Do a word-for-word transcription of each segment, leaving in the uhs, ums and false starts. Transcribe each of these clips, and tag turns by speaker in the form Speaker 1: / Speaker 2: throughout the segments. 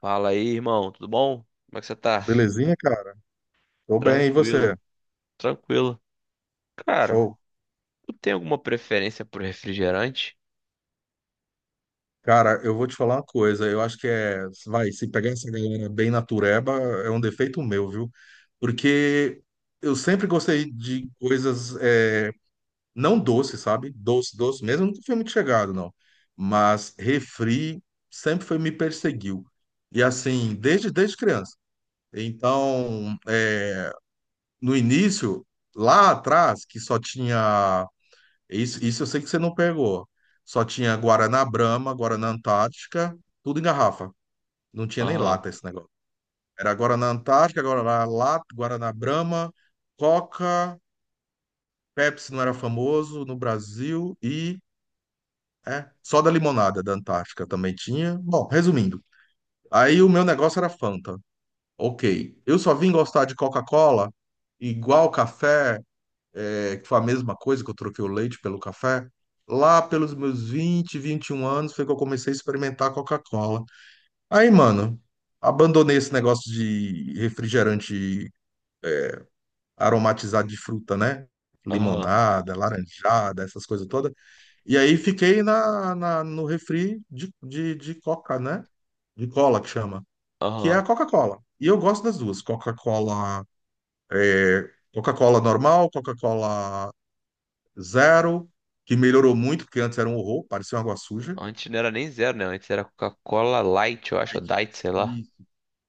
Speaker 1: Fala aí, irmão, tudo bom? Como é que você tá?
Speaker 2: Belezinha, cara? Tô bem, e você?
Speaker 1: Tranquilo, tranquilo. Cara,
Speaker 2: Show.
Speaker 1: tu tem alguma preferência por refrigerante?
Speaker 2: Cara, eu vou te falar uma coisa. Eu acho que é. Vai, se pegar essa galera bem natureba, é um defeito meu, viu? Porque eu sempre gostei de coisas é, não doces, sabe? Doce, doce mesmo. Eu nunca fui muito chegado, não. Mas refri sempre foi, me perseguiu. E assim, desde, desde criança. Então, é, no início, lá atrás, que só tinha. Isso, isso eu sei que você não pegou. Só tinha Guaraná Brahma, Guaraná Antártica, tudo em garrafa. Não tinha nem
Speaker 1: Aham,
Speaker 2: lata esse negócio. Era Guaraná Antártica, Guaraná Lata, Guaraná Brahma, Coca, Pepsi não era famoso no Brasil e é, só da limonada da Antártica também tinha. Bom, resumindo, aí o meu negócio era Fanta. Ok. Eu só vim gostar de Coca-Cola igual café é, que foi a mesma coisa que eu troquei o leite pelo café. Lá pelos meus vinte vinte e um anos foi que eu comecei a experimentar a Coca-Cola. Aí, mano, abandonei esse negócio de refrigerante aromatizado de fruta, né?
Speaker 1: aham,
Speaker 2: Limonada, laranjada, essas coisas todas. E aí fiquei na, na- no refri de, de, de Coca, né? De cola que chama, que é a
Speaker 1: aham.
Speaker 2: Coca-Cola. E eu gosto das duas, Coca-Cola, é, Coca-Cola normal, Coca-Cola Zero, que melhorou muito, porque antes era um horror, parecia uma água suja.
Speaker 1: Antes não era nem zero, né? Antes era Coca-Cola Light, eu acho, ou
Speaker 2: Light.
Speaker 1: Diet, sei lá.
Speaker 2: Isso.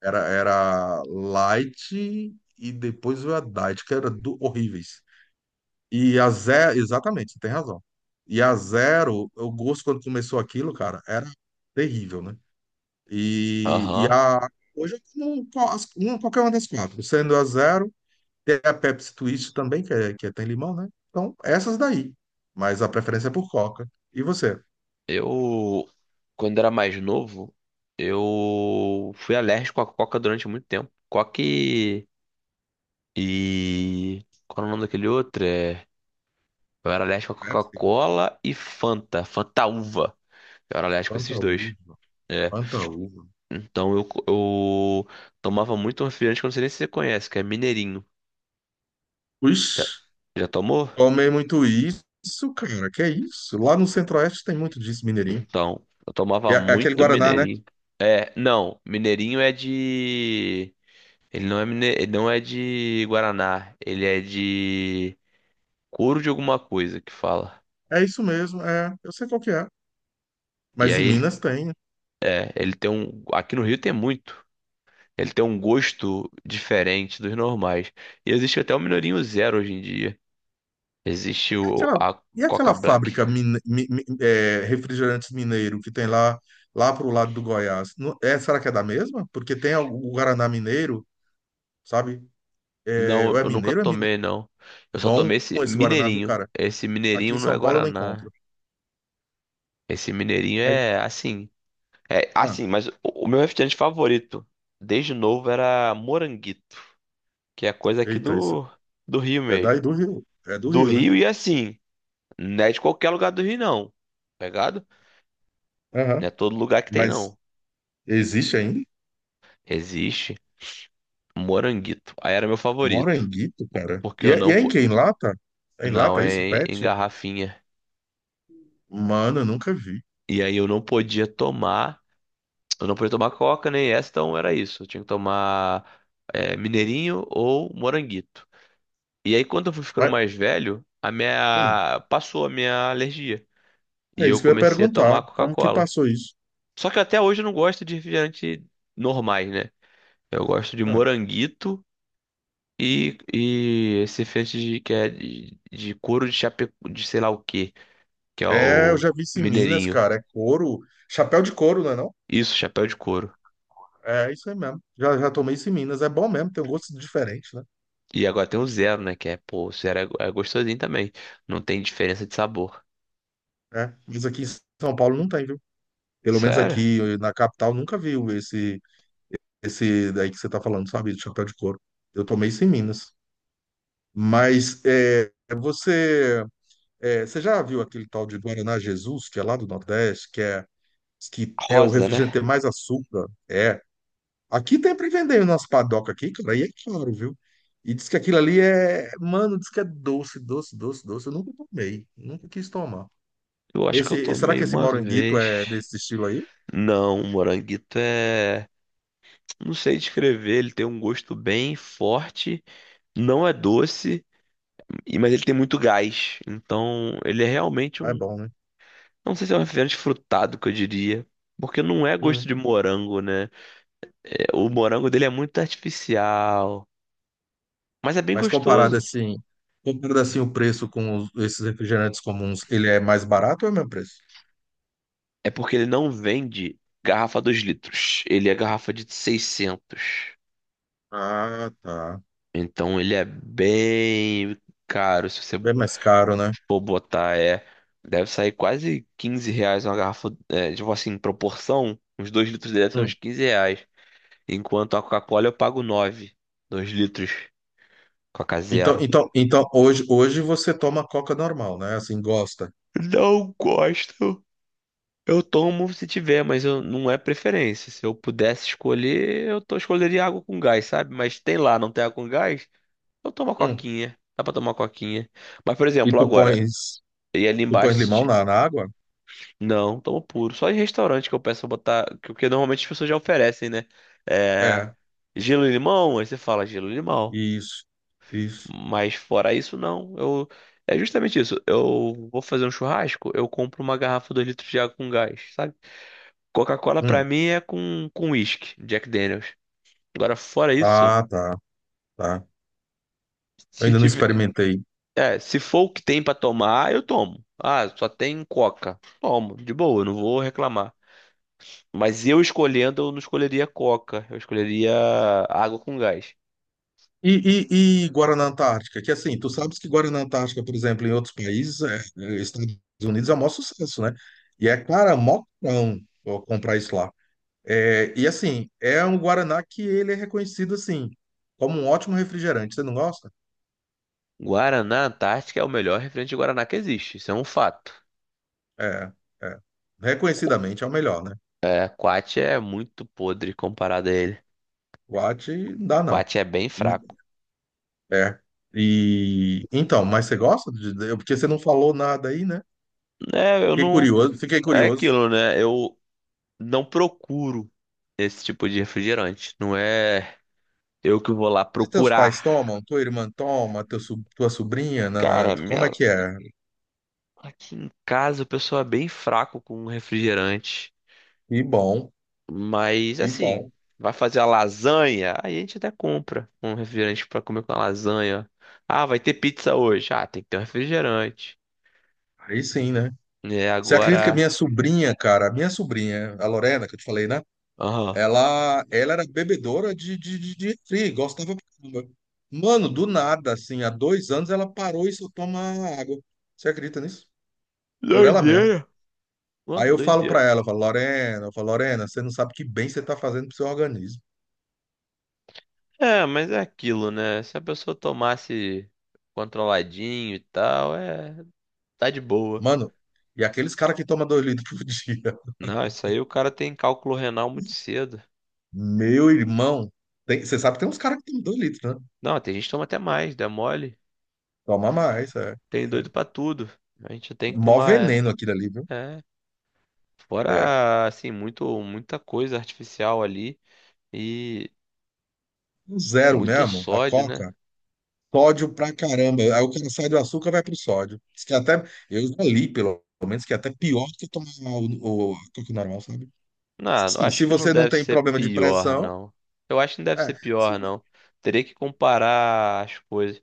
Speaker 2: Era, era Light e depois veio a Diet, que era do, horríveis. E a Zero, exatamente, você tem razão. E a Zero, o gosto quando começou aquilo, cara, era terrível, né? E, e
Speaker 1: Aham.
Speaker 2: a, Hoje eu como qual- as- uma- qualquer uma das quatro, sendo a Zero, tem a Pepsi Twist também, que, é, que é- tem limão, né? Então, essas daí. Mas a preferência é por Coca. E você?
Speaker 1: Eu, Quando era mais novo, eu fui alérgico à Coca durante muito tempo. Coca e... e- Qual era o nome daquele outro? É... Eu era alérgico à
Speaker 2: Pepsi?
Speaker 1: Coca-Cola e Fanta, Fanta uva. Eu era alérgico a
Speaker 2: Quanta
Speaker 1: esses dois.
Speaker 2: uva,
Speaker 1: É.
Speaker 2: quanta uva.
Speaker 1: Então eu, eu tomava muito refrigerante que eu não sei nem se você conhece, que é Mineirinho. Já,
Speaker 2: Ixi,
Speaker 1: já tomou?
Speaker 2: tomei muito isso, cara. Que é isso? Lá no Centro-Oeste tem muito disso, mineirinho.
Speaker 1: Então, eu
Speaker 2: é,
Speaker 1: tomava
Speaker 2: é aquele
Speaker 1: muito
Speaker 2: Guaraná, né?
Speaker 1: Mineirinho. É, não, Mineirinho é de. Ele não é, mine... ele não é de Guaraná, ele é de couro de alguma coisa que fala.
Speaker 2: É isso mesmo, é. Eu sei qual que é.
Speaker 1: E
Speaker 2: Mas em
Speaker 1: aí ele,
Speaker 2: Minas tem.
Speaker 1: é, ele tem um. Aqui no Rio tem muito. Ele tem um gosto diferente dos normais. E existe até o Mineirinho Zero hoje em dia. Existe
Speaker 2: E
Speaker 1: o,
Speaker 2: aquela,
Speaker 1: a
Speaker 2: e
Speaker 1: Coca
Speaker 2: aquela
Speaker 1: Black.
Speaker 2: fábrica mine, mi- mi- é, refrigerantes mineiro que tem lá, lá pro lado do Goiás? Não- é, será que é da mesma? Porque tem o, o Guaraná mineiro, sabe? É, ou
Speaker 1: Não,
Speaker 2: é
Speaker 1: eu nunca
Speaker 2: mineiro, ou é mineiro.
Speaker 1: tomei, não. Eu só
Speaker 2: Bom
Speaker 1: tomei esse
Speaker 2: esse Guaraná, viu,
Speaker 1: mineirinho.
Speaker 2: cara?
Speaker 1: Esse
Speaker 2: Aqui em
Speaker 1: mineirinho não é
Speaker 2: São Paulo eu não
Speaker 1: Guaraná.
Speaker 2: encontro.
Speaker 1: Esse mineirinho
Speaker 2: Aí-
Speaker 1: é assim. É
Speaker 2: ah,
Speaker 1: assim, mas o, o meu refrigerante favorito, desde novo, era Moranguito, que é coisa aqui
Speaker 2: eita, isso.
Speaker 1: do, do Rio
Speaker 2: É
Speaker 1: mesmo.
Speaker 2: daí do Rio. É do
Speaker 1: Do
Speaker 2: Rio, né?
Speaker 1: Rio e assim, não é de qualquer lugar do Rio, não. Pegado? Não é
Speaker 2: Aham.
Speaker 1: todo lugar que tem, não.
Speaker 2: Mas existe ainda?
Speaker 1: Existe Moranguito. Aí era meu
Speaker 2: Mora em
Speaker 1: favorito.
Speaker 2: Guito, cara.
Speaker 1: Porque
Speaker 2: E
Speaker 1: eu
Speaker 2: é, e
Speaker 1: não.
Speaker 2: é em
Speaker 1: po-
Speaker 2: quem? Lata? É em
Speaker 1: Não,
Speaker 2: Lata isso,
Speaker 1: é em em
Speaker 2: Pet?
Speaker 1: garrafinha.
Speaker 2: Mano, eu nunca vi.
Speaker 1: E aí eu não podia tomar. Eu não podia tomar coca nem essa, então era isso. Eu tinha que tomar é, mineirinho ou moranguito. E aí, quando eu fui ficando
Speaker 2: Mas,
Speaker 1: mais velho, a
Speaker 2: hum,
Speaker 1: minha passou a minha alergia e
Speaker 2: é
Speaker 1: eu
Speaker 2: isso que eu ia
Speaker 1: comecei a
Speaker 2: perguntar.
Speaker 1: tomar
Speaker 2: Como que
Speaker 1: Coca-Cola.
Speaker 2: passou isso?
Speaker 1: Só que até hoje eu não gosto de refrigerante normais, né? Eu gosto de
Speaker 2: Ah,
Speaker 1: moranguito e, e esse refrigerante de, que é de, de couro de chapéu de sei lá o quê, que é
Speaker 2: é, eu
Speaker 1: o
Speaker 2: já vi isso em Minas,
Speaker 1: mineirinho.
Speaker 2: cara. É couro. Chapéu de couro, não é não?
Speaker 1: Isso, chapéu de couro.
Speaker 2: É isso aí mesmo. Já, já tomei isso em Minas. É bom mesmo, tem um gosto diferente, né?
Speaker 1: E agora tem o zero, né? Que é, pô, o zero é, é gostosinho também. Não tem diferença de sabor.
Speaker 2: É. Mas aqui em São Paulo não tem, viu? Pelo menos
Speaker 1: Sério?
Speaker 2: aqui na capital nunca viu esse, esse daí que você tá falando, sabe? De chapéu de couro. Eu tomei isso em Minas. Mas é, você, é, você já viu aquele tal de Guaraná Jesus, que é lá do Nordeste, que é, que é o
Speaker 1: Rosa, né?
Speaker 2: refrigerante tem mais açúcar? É. Aqui tem pra vender nas padocas aqui, cara, e é caro, viu? E diz que aquilo ali é. Mano, diz que é doce, doce, doce, doce. Eu nunca tomei, nunca quis tomar.
Speaker 1: Eu acho que eu
Speaker 2: Esse, será
Speaker 1: tomei
Speaker 2: que esse
Speaker 1: uma
Speaker 2: moranguito
Speaker 1: vez.
Speaker 2: é desse estilo aí?
Speaker 1: Não, o moranguito é. Não sei descrever. Ele tem um gosto bem forte. Não é doce, e- mas ele tem muito gás. Então, ele é realmente
Speaker 2: Ah, é
Speaker 1: um.
Speaker 2: bom, né?
Speaker 1: Não sei se é um refrigerante frutado que eu diria. Porque não é gosto
Speaker 2: Hum.
Speaker 1: de morango, né? É, o morango dele é muito artificial. Mas é bem
Speaker 2: Mas comparado
Speaker 1: gostoso.
Speaker 2: assim, comparado assim o preço com os- esses refrigerantes comuns, ele é mais barato ou é o mesmo preço?
Speaker 1: É porque ele não vende garrafa dois litros. Ele é garrafa de seiscentos.
Speaker 2: Ah, tá.
Speaker 1: Então ele é bem caro. Se você
Speaker 2: Bem mais caro, né?
Speaker 1: for botar, é. Deve sair quase quinze reais uma garrafa. É, tipo assim, em proporção, uns dois litros dele são uns
Speaker 2: Hum.
Speaker 1: quinze reais. Enquanto a Coca-Cola eu pago nove dois litros. Coca
Speaker 2: Então,
Speaker 1: zero.
Speaker 2: então, então hoje, hoje você toma Coca normal, né? Assim, gosta.
Speaker 1: Não gosto. Eu tomo se tiver, mas eu, não é preferência. Se eu pudesse escolher, eu tô, escolheria água com gás, sabe? Mas tem lá, não tem água com gás? Eu tomo uma
Speaker 2: Hum.
Speaker 1: coquinha. Dá pra tomar uma coquinha. Mas, por
Speaker 2: E
Speaker 1: exemplo,
Speaker 2: tu
Speaker 1: agora,
Speaker 2: pões,
Speaker 1: e ali
Speaker 2: tu
Speaker 1: embaixo,
Speaker 2: pões
Speaker 1: se
Speaker 2: limão
Speaker 1: ti-
Speaker 2: na, na água?
Speaker 1: não, tomo puro. Só em restaurante que eu peço pra botar. que- Porque normalmente as pessoas já oferecem, né? É,
Speaker 2: É,
Speaker 1: gelo e limão, aí você fala gelo e limão.
Speaker 2: isso, isso.
Speaker 1: Mas fora isso, não. Eu... É justamente isso. Eu vou fazer um churrasco, eu compro uma garrafa dois litros de água com gás, sabe? Coca-Cola pra
Speaker 2: Hum.
Speaker 1: mim é com com uísque, Jack Daniels. Agora, fora isso,
Speaker 2: Ah, tá, tá. Eu
Speaker 1: se
Speaker 2: ainda não
Speaker 1: tiver.
Speaker 2: experimentei.
Speaker 1: É, se for o que tem pra tomar, eu tomo. Ah, só tem Coca. Tomo, de boa, eu não vou reclamar. Mas eu escolhendo, eu não escolheria Coca. Eu escolheria água com gás.
Speaker 2: E, e, e Guaraná Antártica, que assim, tu sabes que Guaraná Antártica, por exemplo, em outros países, é, é, Estados Unidos é o maior sucesso, né? E é, cara, mó cão ó, comprar isso lá. É, e assim, é um Guaraná que ele é reconhecido, assim, como um ótimo refrigerante. Você não gosta?
Speaker 1: Guaraná Antártica é o melhor refrigerante de Guaraná que existe. Isso é um fato.
Speaker 2: É, é. Reconhecidamente é o melhor, né?
Speaker 1: É, Quat é muito podre comparado a ele.
Speaker 2: Guate, não dá não.
Speaker 1: Quat é bem fraco.
Speaker 2: N- É. E então, mas você gosta? de- de- Porque você não falou nada aí, né?
Speaker 1: É, eu
Speaker 2: Fiquei
Speaker 1: não.
Speaker 2: curioso, fiquei
Speaker 1: É
Speaker 2: curioso.
Speaker 1: aquilo, né? Eu não procuro esse tipo de refrigerante. Não é eu que vou lá
Speaker 2: Mas teus pais
Speaker 1: procurar.
Speaker 2: tomam? Tua irmã toma? Teu, so- tua sobrinha? Na na
Speaker 1: Cara,
Speaker 2: como é
Speaker 1: minha,
Speaker 2: que é?
Speaker 1: Aqui em casa o pessoal é bem fraco com refrigerante,
Speaker 2: E bom,
Speaker 1: mas
Speaker 2: e
Speaker 1: assim,
Speaker 2: bom.
Speaker 1: vai fazer a lasanha, aí a gente até compra um refrigerante pra comer com a lasanha. Ah, vai ter pizza hoje. Ah, tem que ter um refrigerante.
Speaker 2: Aí sim, né?
Speaker 1: É,
Speaker 2: Você acredita que a
Speaker 1: agora.
Speaker 2: minha sobrinha, cara, a minha sobrinha, a Lorena, que eu te falei, né?
Speaker 1: Aham.
Speaker 2: Ela, ela era bebedora de, de, de, de refri, gostava pra caramba. Mano, do nada, assim, há dois anos ela parou e só toma água. Você acredita nisso? Por ela mesma.
Speaker 1: Doideira. Ó,
Speaker 2: Aí eu falo
Speaker 1: doideira.
Speaker 2: pra ela, eu falo, Lorena, eu falo, Lorena, você não sabe que bem você tá fazendo pro seu organismo.
Speaker 1: É, mas é aquilo, né? Se a pessoa tomasse controladinho e tal, é. Tá de boa.
Speaker 2: Mano, e aqueles caras que tomam dois litros por dia.
Speaker 1: Não, isso aí o cara tem cálculo renal muito cedo.
Speaker 2: Meu irmão, tem- você sabe que tem uns caras que tem dois litros, né?
Speaker 1: Não, tem gente que toma até mais, dá mole.
Speaker 2: Toma mais, é.
Speaker 1: Tem
Speaker 2: É.
Speaker 1: doido pra tudo. A gente tem que
Speaker 2: Mó
Speaker 1: tomar.
Speaker 2: veneno aquilo ali, viu?
Speaker 1: É, é,
Speaker 2: É.
Speaker 1: fora, assim, muito, muita coisa artificial ali. E
Speaker 2: O Zero
Speaker 1: muito
Speaker 2: mesmo, a
Speaker 1: sódio, né?
Speaker 2: Coca, sódio pra caramba. Aí o cara sai do açúcar, vai pro sódio. Diz que até, eu já li, pelo menos, que é até pior do que tomar o, o, a Coca normal, sabe?
Speaker 1: Não, eu
Speaker 2: Sim,
Speaker 1: acho
Speaker 2: se
Speaker 1: que não
Speaker 2: você não
Speaker 1: deve
Speaker 2: tem
Speaker 1: ser
Speaker 2: problema de
Speaker 1: pior,
Speaker 2: pressão,
Speaker 1: não. Eu acho que não deve
Speaker 2: é.
Speaker 1: ser
Speaker 2: Sim.
Speaker 1: pior, não. Teria que comparar as coisas.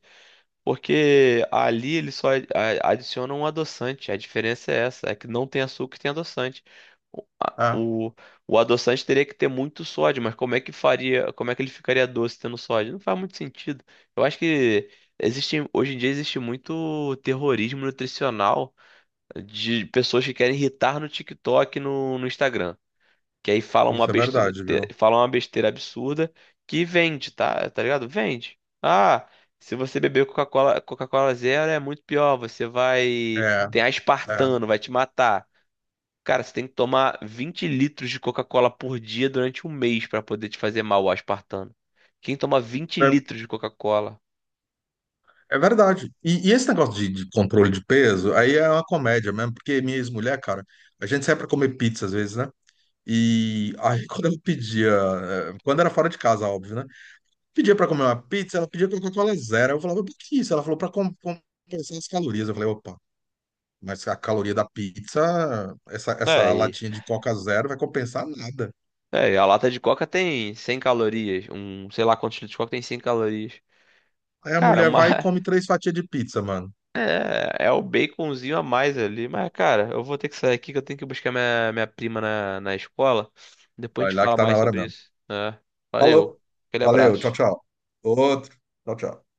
Speaker 1: Porque ali ele só ad- a- adiciona um adoçante. A diferença é essa, é que não tem açúcar e tem adoçante. O, a-
Speaker 2: Ah,
Speaker 1: o, o adoçante teria que ter muito sódio, mas como é que faria, como é que ele ficaria doce tendo sódio? Não faz muito sentido. Eu acho que existe, hoje em dia existe muito terrorismo nutricional de pessoas que querem irritar no TikTok, e no, no Instagram. Que aí fala uma
Speaker 2: isso é
Speaker 1: besteira,
Speaker 2: verdade, viu?
Speaker 1: fala uma besteira absurda que vende, tá? Tá ligado? Vende. Ah, se você beber Coca-Cola, Coca-Cola zero é muito pior, você vai
Speaker 2: É,
Speaker 1: tem
Speaker 2: é.
Speaker 1: aspartano, vai te matar. Cara, você tem que tomar vinte litros de Coca-Cola por dia durante um mês pra poder te fazer mal o aspartano. Quem toma vinte litros de Coca-Cola?
Speaker 2: É verdade. E, e esse negócio de, de controle de peso, aí é uma comédia mesmo, porque minha ex-mulher, cara, a gente sai pra comer pizza às vezes, né? E aí quando eu pedia, eh, quando era fora de casa, óbvio, né? Pedia pra comer uma pizza, ela pedia Coca-Cola zero. Eu falava, por que isso? Ela falou pra com- compensar as calorias. Eu falei, opa, mas a caloria da pizza, essa,
Speaker 1: É,
Speaker 2: essa
Speaker 1: e,
Speaker 2: latinha de Coca zero vai compensar nada.
Speaker 1: é, e a lata de Coca tem cem calorias. Um, sei lá quantos litros de Coca tem cem calorias.
Speaker 2: Aí a
Speaker 1: Cara,
Speaker 2: mulher
Speaker 1: uma,
Speaker 2: vai e come três fatias de pizza, mano.
Speaker 1: É, é o baconzinho a mais ali. Mas, cara, eu vou ter que sair aqui que eu tenho que buscar minha, minha prima na, na escola. Depois a
Speaker 2: Vai
Speaker 1: gente
Speaker 2: lá que
Speaker 1: fala
Speaker 2: tá na
Speaker 1: mais
Speaker 2: hora
Speaker 1: sobre
Speaker 2: mesmo.
Speaker 1: isso. né?
Speaker 2: Falou.
Speaker 1: Valeu. Aquele
Speaker 2: Valeu, tchau,
Speaker 1: abraço.
Speaker 2: tchau. Outro. Tchau, tchau.